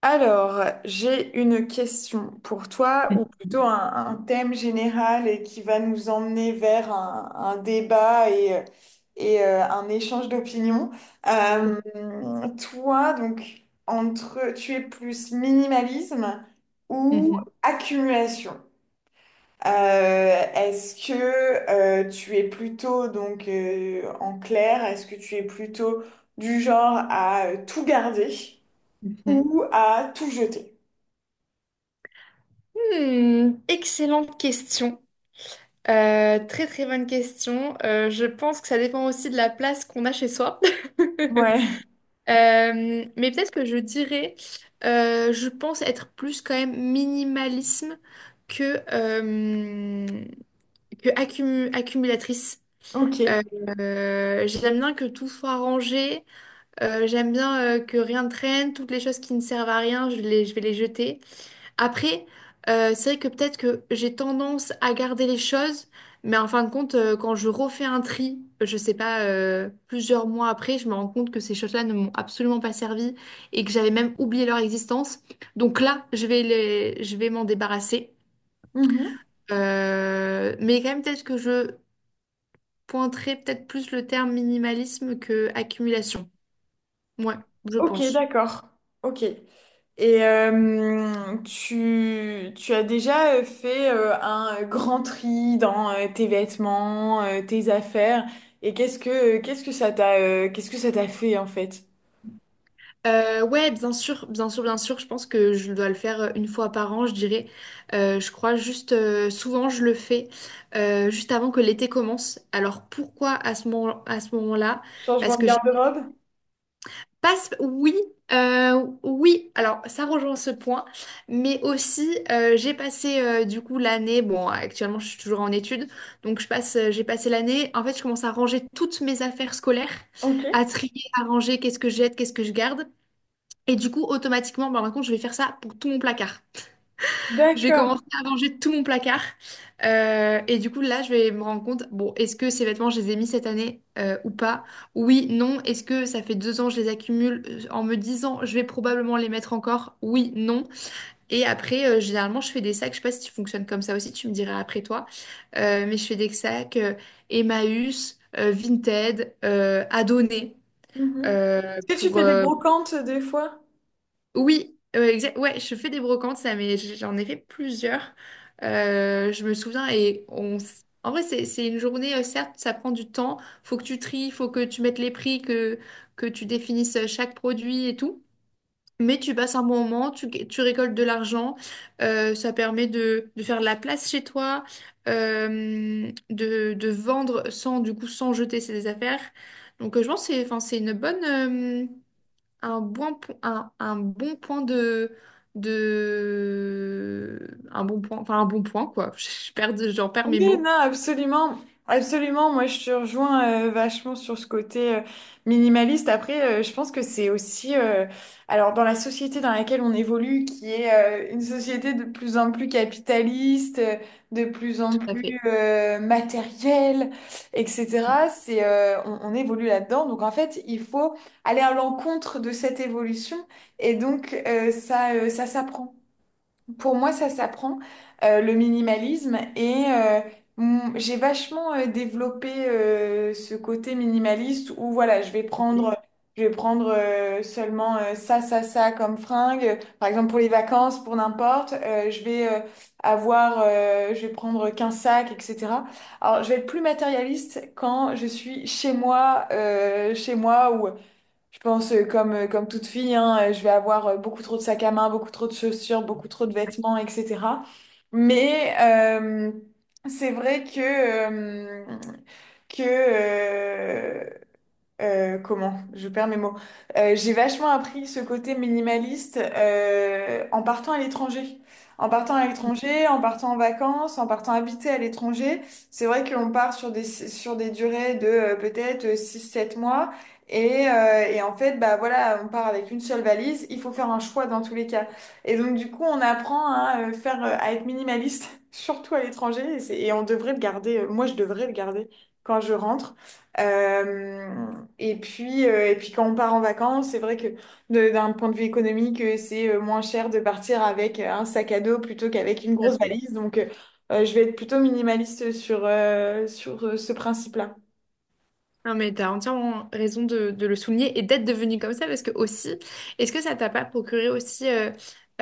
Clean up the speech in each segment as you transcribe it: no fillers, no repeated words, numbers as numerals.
Alors, j'ai une question pour toi, ou plutôt un thème général et qui va nous emmener vers un débat et un échange d'opinions. Euh, Toi, donc, entre, tu es plus minimalisme ou Mhm, accumulation? Est-ce que tu es plutôt, donc, en clair, est-ce que tu es plutôt du genre à tout garder mhm. ou à tout jeter? Hmm, excellente question. Très très bonne question. Je pense que ça dépend aussi de la place qu'on a chez soi. Ouais, Mais peut-être que je dirais, je pense être plus quand même minimalisme que, euh, que accumulatrice. ok. Euh, J'aime bien que tout soit rangé. J'aime bien que rien ne traîne. Toutes les choses qui ne servent à rien, je vais les jeter. Après, c'est vrai que peut-être que j'ai tendance à garder les choses, mais en fin de compte, quand je refais un tri, je sais pas, plusieurs mois après, je me rends compte que ces choses-là ne m'ont absolument pas servi et que j'avais même oublié leur existence. Donc là, je vais m'en débarrasser. Mhm. Mais quand même, peut-être que je pointerai peut-être plus le terme minimalisme que accumulation. Ouais, je Ok, pense. d'accord. Ok. Et tu as déjà fait un grand tri dans tes vêtements, tes affaires, et qu'est-ce que ça t'a fait en fait? Ouais, bien sûr, bien sûr, bien sûr. Je pense que je dois le faire une fois par an, je dirais. Je crois juste, souvent je le fais juste avant que l'été commence. Alors pourquoi à ce moment, à ce moment-là? Parce Changement de que je garde-robe? passe, oui, oui. Alors ça rejoint ce point, mais aussi j'ai passé du coup l'année. Bon, actuellement je suis toujours en études, donc j'ai passé l'année. En fait, je commence à ranger toutes mes affaires scolaires, Ok. à trier, à ranger. Qu'est-ce que je jette, qu'est-ce que je garde. Et du coup, automatiquement, bah, par contre, je vais faire ça pour tout mon placard. Je vais D'accord. commencer à ranger tout mon placard. Et du coup, là, je vais me rendre compte, bon, est-ce que ces vêtements, je les ai mis cette année ou pas? Oui, non. Est-ce que ça fait deux ans, je les accumule en me disant, je vais probablement les mettre encore? Oui, non. Et après, généralement, je fais des sacs. Je sais pas si tu fonctionnes comme ça aussi, tu me diras après toi. Mais je fais des sacs Emmaüs, Vinted, Adonné. Mhm. Est-ce que tu Pour, fais des brocantes des fois? oui, ouais, je fais des brocantes, ça, mais j'en ai fait plusieurs. Je me souviens en vrai, c'est une journée, certes, ça prend du temps. Faut que tu tries, faut que tu mettes les prix, que tu définisses chaque produit et tout. Mais tu passes un bon moment, tu récoltes de l'argent. Ça permet de faire de la place chez toi, de vendre sans, du coup, sans jeter ses affaires. Donc, je pense que c'est, enfin, c'est une bonne. Un bon, un bon point de. Un bon point, enfin un bon point, quoi. J'en perds Oui, mes non, mots. absolument. Absolument, moi je te rejoins vachement sur ce côté minimaliste. Après, je pense que c'est aussi, alors dans la société dans laquelle on évolue, qui est une société de plus en plus capitaliste, de plus en Tout à plus fait, matérielle, etc. C'est, on évolue là-dedans. Donc en fait, il faut aller à l'encontre de cette évolution et donc ça, ça s'apprend. Pour moi, ça s'apprend, le minimalisme. Et j'ai vachement développé ce côté minimaliste où voilà, je vais prendre seulement ça, ça, ça comme fringue. Par exemple, pour les vacances, pour n'importe, je vais je vais prendre qu'un sac, etc. Alors, je vais être plus matérialiste quand je suis chez moi je pense comme, comme toute fille, hein, je vais avoir beaucoup trop de sacs à main, beaucoup trop de chaussures, beaucoup trop de vêtements, etc. Mais c'est vrai euh, que comment? Je perds mes mots. J'ai vachement appris ce côté minimaliste en partant à l'étranger. En partant à l'étranger, en partant en vacances, en partant habiter à l'étranger, c'est vrai qu'on part sur des durées de peut-être 6 7 mois. Et en fait, bah voilà, on part avec une seule valise. Il faut faire un choix dans tous les cas. Et donc, du coup, on apprend à faire, à être minimaliste, surtout à l'étranger. Et on devrait le garder. Moi, je devrais le garder quand je rentre. Euh, et puis, et puis quand on part en vacances, c'est vrai que d'un point de vue économique, c'est moins cher de partir avec un sac à dos plutôt qu'avec tout une à grosse fait. valise. Donc, je vais être plutôt minimaliste sur, sur ce principe-là. Non, mais t'as entièrement raison de le souligner et d'être devenu comme ça, parce que aussi, est-ce que ça t'a pas procuré aussi euh,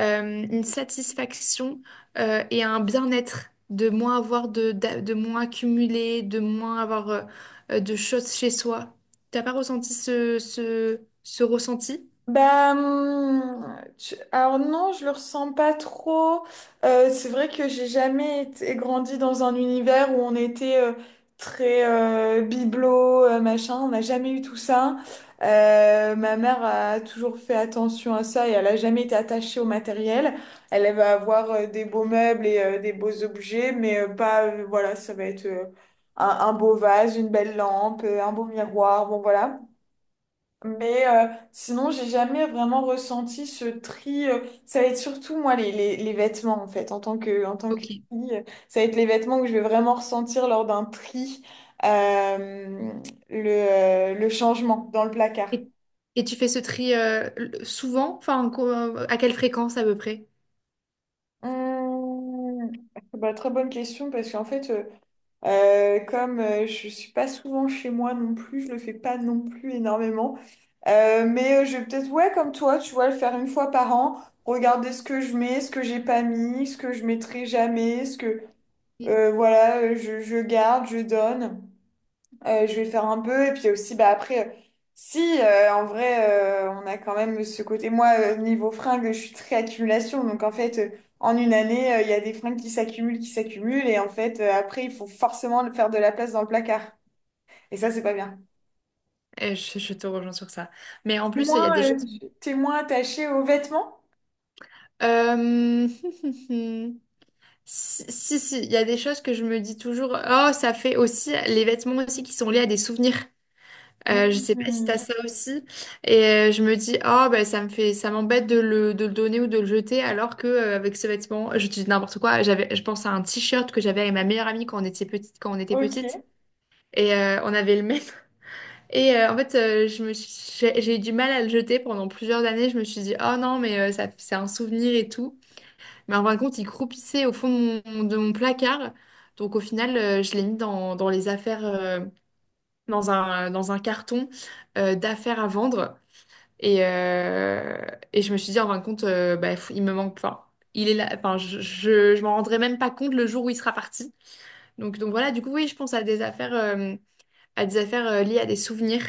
euh, une satisfaction et un bien-être de moins avoir de moins accumuler, de moins avoir de choses chez soi? T'as pas ressenti ce ressenti? Bah, alors non, je le ressens pas trop. C'est vrai que j'ai jamais été grandi dans un univers où on était très bibelot, machin. On n'a jamais eu tout ça. Ma mère a toujours fait attention à ça et elle a jamais été attachée au matériel. Elle va avoir des beaux meubles et des beaux objets, mais pas, voilà, ça va être un beau vase, une belle lampe, un beau miroir, bon voilà. Mais sinon, j'ai jamais vraiment ressenti ce tri. Ça va être surtout, moi, les vêtements, en fait, en tant que Ok. fille. Ça va être les vêtements que je vais vraiment ressentir lors d'un tri, euh, le changement dans le placard. Et, et tu fais ce tri souvent, enfin, à quelle fréquence à peu près? Hum, bah, très bonne question, parce qu'en fait, comme je suis pas souvent chez moi non plus, je le fais pas non plus énormément. Je vais peut-être, ouais, comme toi, tu vois, le faire une fois par an, regarder ce que je mets, ce que j'ai pas mis, ce que je mettrai jamais, ce que, Mm. Voilà, je garde, je donne. Je vais faire un peu. Et puis aussi, bah, après, si, en vrai, on a quand même ce côté. Moi, niveau fringues, je suis très accumulation. Donc, en fait, en une année, il y a des fringues qui s'accumulent, qui s'accumulent. Et en fait, après, il faut forcément faire de la place dans le placard. Et ça, c'est pas bien. Je te rejoins sur ça. Mais en T'es plus, il y a moins, des choses. T'es moins attaché aux vêtements? Euh, Si, si, si, il y a des choses que je me dis toujours. Oh, ça fait aussi les vêtements aussi qui sont liés à des souvenirs. Je sais pas si t'as Mhm. ça aussi. Et je me dis, oh, bah, ça m'embête de le donner ou de le jeter, alors que avec ce vêtement, je dis n'importe quoi. Je pense à un t-shirt que j'avais avec ma meilleure amie quand on était petite, quand on était petite. Ok. Et on avait le même. Et en fait, j'ai eu du mal à le jeter pendant plusieurs années. Je me suis dit, oh non, mais ça, c'est un souvenir et tout. Mais en fin de compte, il croupissait au fond de mon placard. Donc au final, je l'ai mis dans les affaires, dans un carton d'affaires à vendre. Et, euh, et je me suis dit, en fin de compte, bah, il me manque. Enfin, il est là. Enfin, je m'en rendrai même pas compte le jour où il sera parti. Donc voilà, du coup, oui, je pense à des affaires. À des affaires liées à des souvenirs.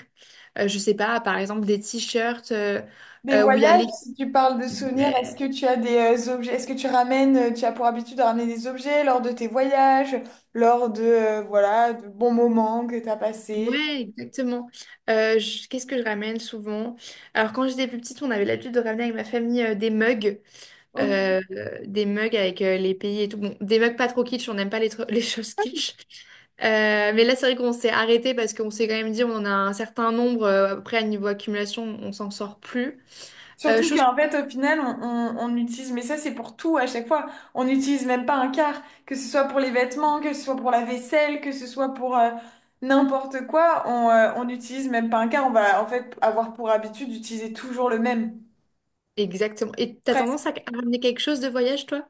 Je sais pas, par exemple des t-shirts Des où il y a voyages, les... si tu parles de souvenirs, est-ce Ouais, que tu as des objets, est-ce que tu ramènes, tu as pour habitude de ramener des objets lors de tes voyages, lors de, voilà, de bons moments que tu as passés? ouais, exactement. Qu'est-ce que je ramène souvent? Alors quand j'étais plus petite, on avait l'habitude de ramener avec ma famille Ok. Des mugs avec les pays et tout. Bon, des mugs pas trop kitsch, on n'aime pas les choses kitsch. Mais là, c'est vrai qu'on s'est arrêté parce qu'on s'est quand même dit on en a un certain nombre. Après, à niveau accumulation, on s'en sort plus. Surtout Chose qu'en fait, au final, on utilise, mais ça c'est pour tout à chaque fois, on n'utilise même pas un quart, que ce soit pour les vêtements, que ce soit pour la vaisselle, que ce soit pour n'importe quoi, on n'utilise même pas un quart, on va en fait avoir pour habitude d'utiliser toujours le même. Exactement. Et t'as tendance à ramener quelque chose de voyage, toi?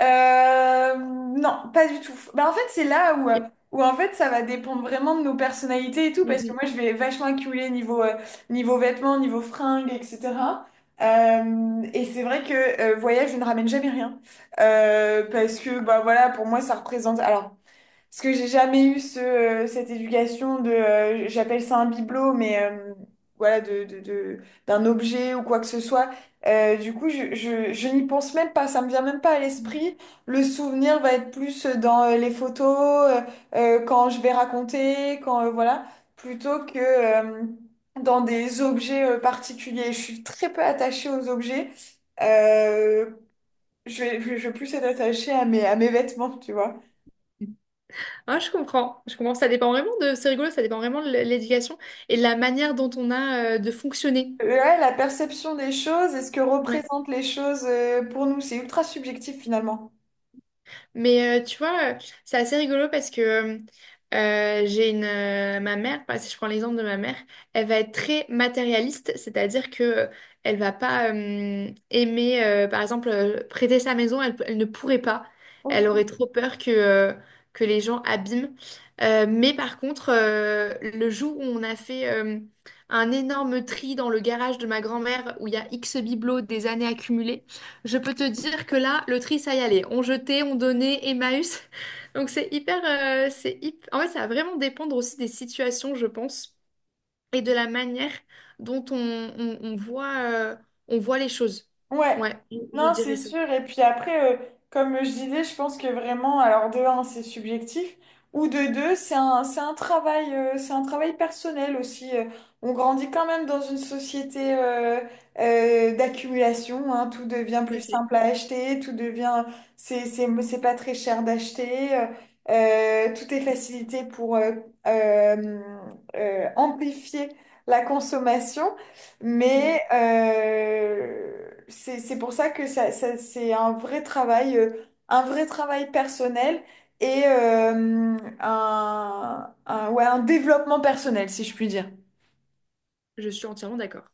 Non, pas du tout. Bah, en fait, c'est là où, où en fait, ça va dépendre vraiment de nos personnalités et tout, parce que Mhm. moi, je vais vachement accumuler niveau, niveau vêtements, niveau fringues, etc. Et c'est vrai que voyage, je ne ramène jamais rien. Parce que, bah voilà, pour moi, ça représente... Alors, parce que j'ai jamais eu ce, cette éducation de, j'appelle ça un bibelot, mais voilà, d'un objet ou quoi que ce soit. Du coup, je n'y pense même pas, ça me vient même pas à l'esprit. Le souvenir va être plus dans les photos, euh, quand je vais raconter, quand, voilà, plutôt que dans des objets particuliers. Je suis très peu attachée aux objets. Euh, je vais je vais plus être attachée à mes vêtements, tu vois. Ah, je comprends, je comprends. Ça dépend vraiment de, c'est rigolo, ça dépend vraiment de l'éducation et de la manière dont on a de fonctionner. Ouais, la perception des choses et ce que Ouais. représentent les choses pour nous, c'est ultra subjectif finalement. Mais tu vois, c'est assez rigolo parce que j'ai une ma mère, par- si je prends l'exemple de ma mère, elle va être très matérialiste, c'est-à-dire que elle va pas aimer, par exemple, prêter sa maison, elle ne pourrait pas. Elle aurait trop peur que les gens abîment. Mais par contre, le jour où on a fait un énorme tri dans le garage de ma grand-mère où il y a X bibelots des années accumulées, je peux te dire que là, le tri, ça y allait. On jetait, on donnait, Emmaüs. Donc c'est hyper, c'est hyp- en fait, ça va vraiment dépendre aussi des situations, je pense, et de la manière dont on voit, euh, les choses. Ouais, Ouais, je non, c'est dirais ça. sûr. Et puis après, comme je disais, je pense que vraiment, alors de un, c'est subjectif, ou de deux, c'est un travail personnel aussi. On grandit quand même dans une société d'accumulation, hein. Tout devient Tout à plus fait. simple à acheter, tout devient, c'est pas très cher d'acheter, tout est facilité pour euh, amplifier la consommation. Mm. Mais c'est pour ça que c'est un vrai travail personnel et un, ouais, un développement personnel, si je puis dire. Je suis entièrement d'accord.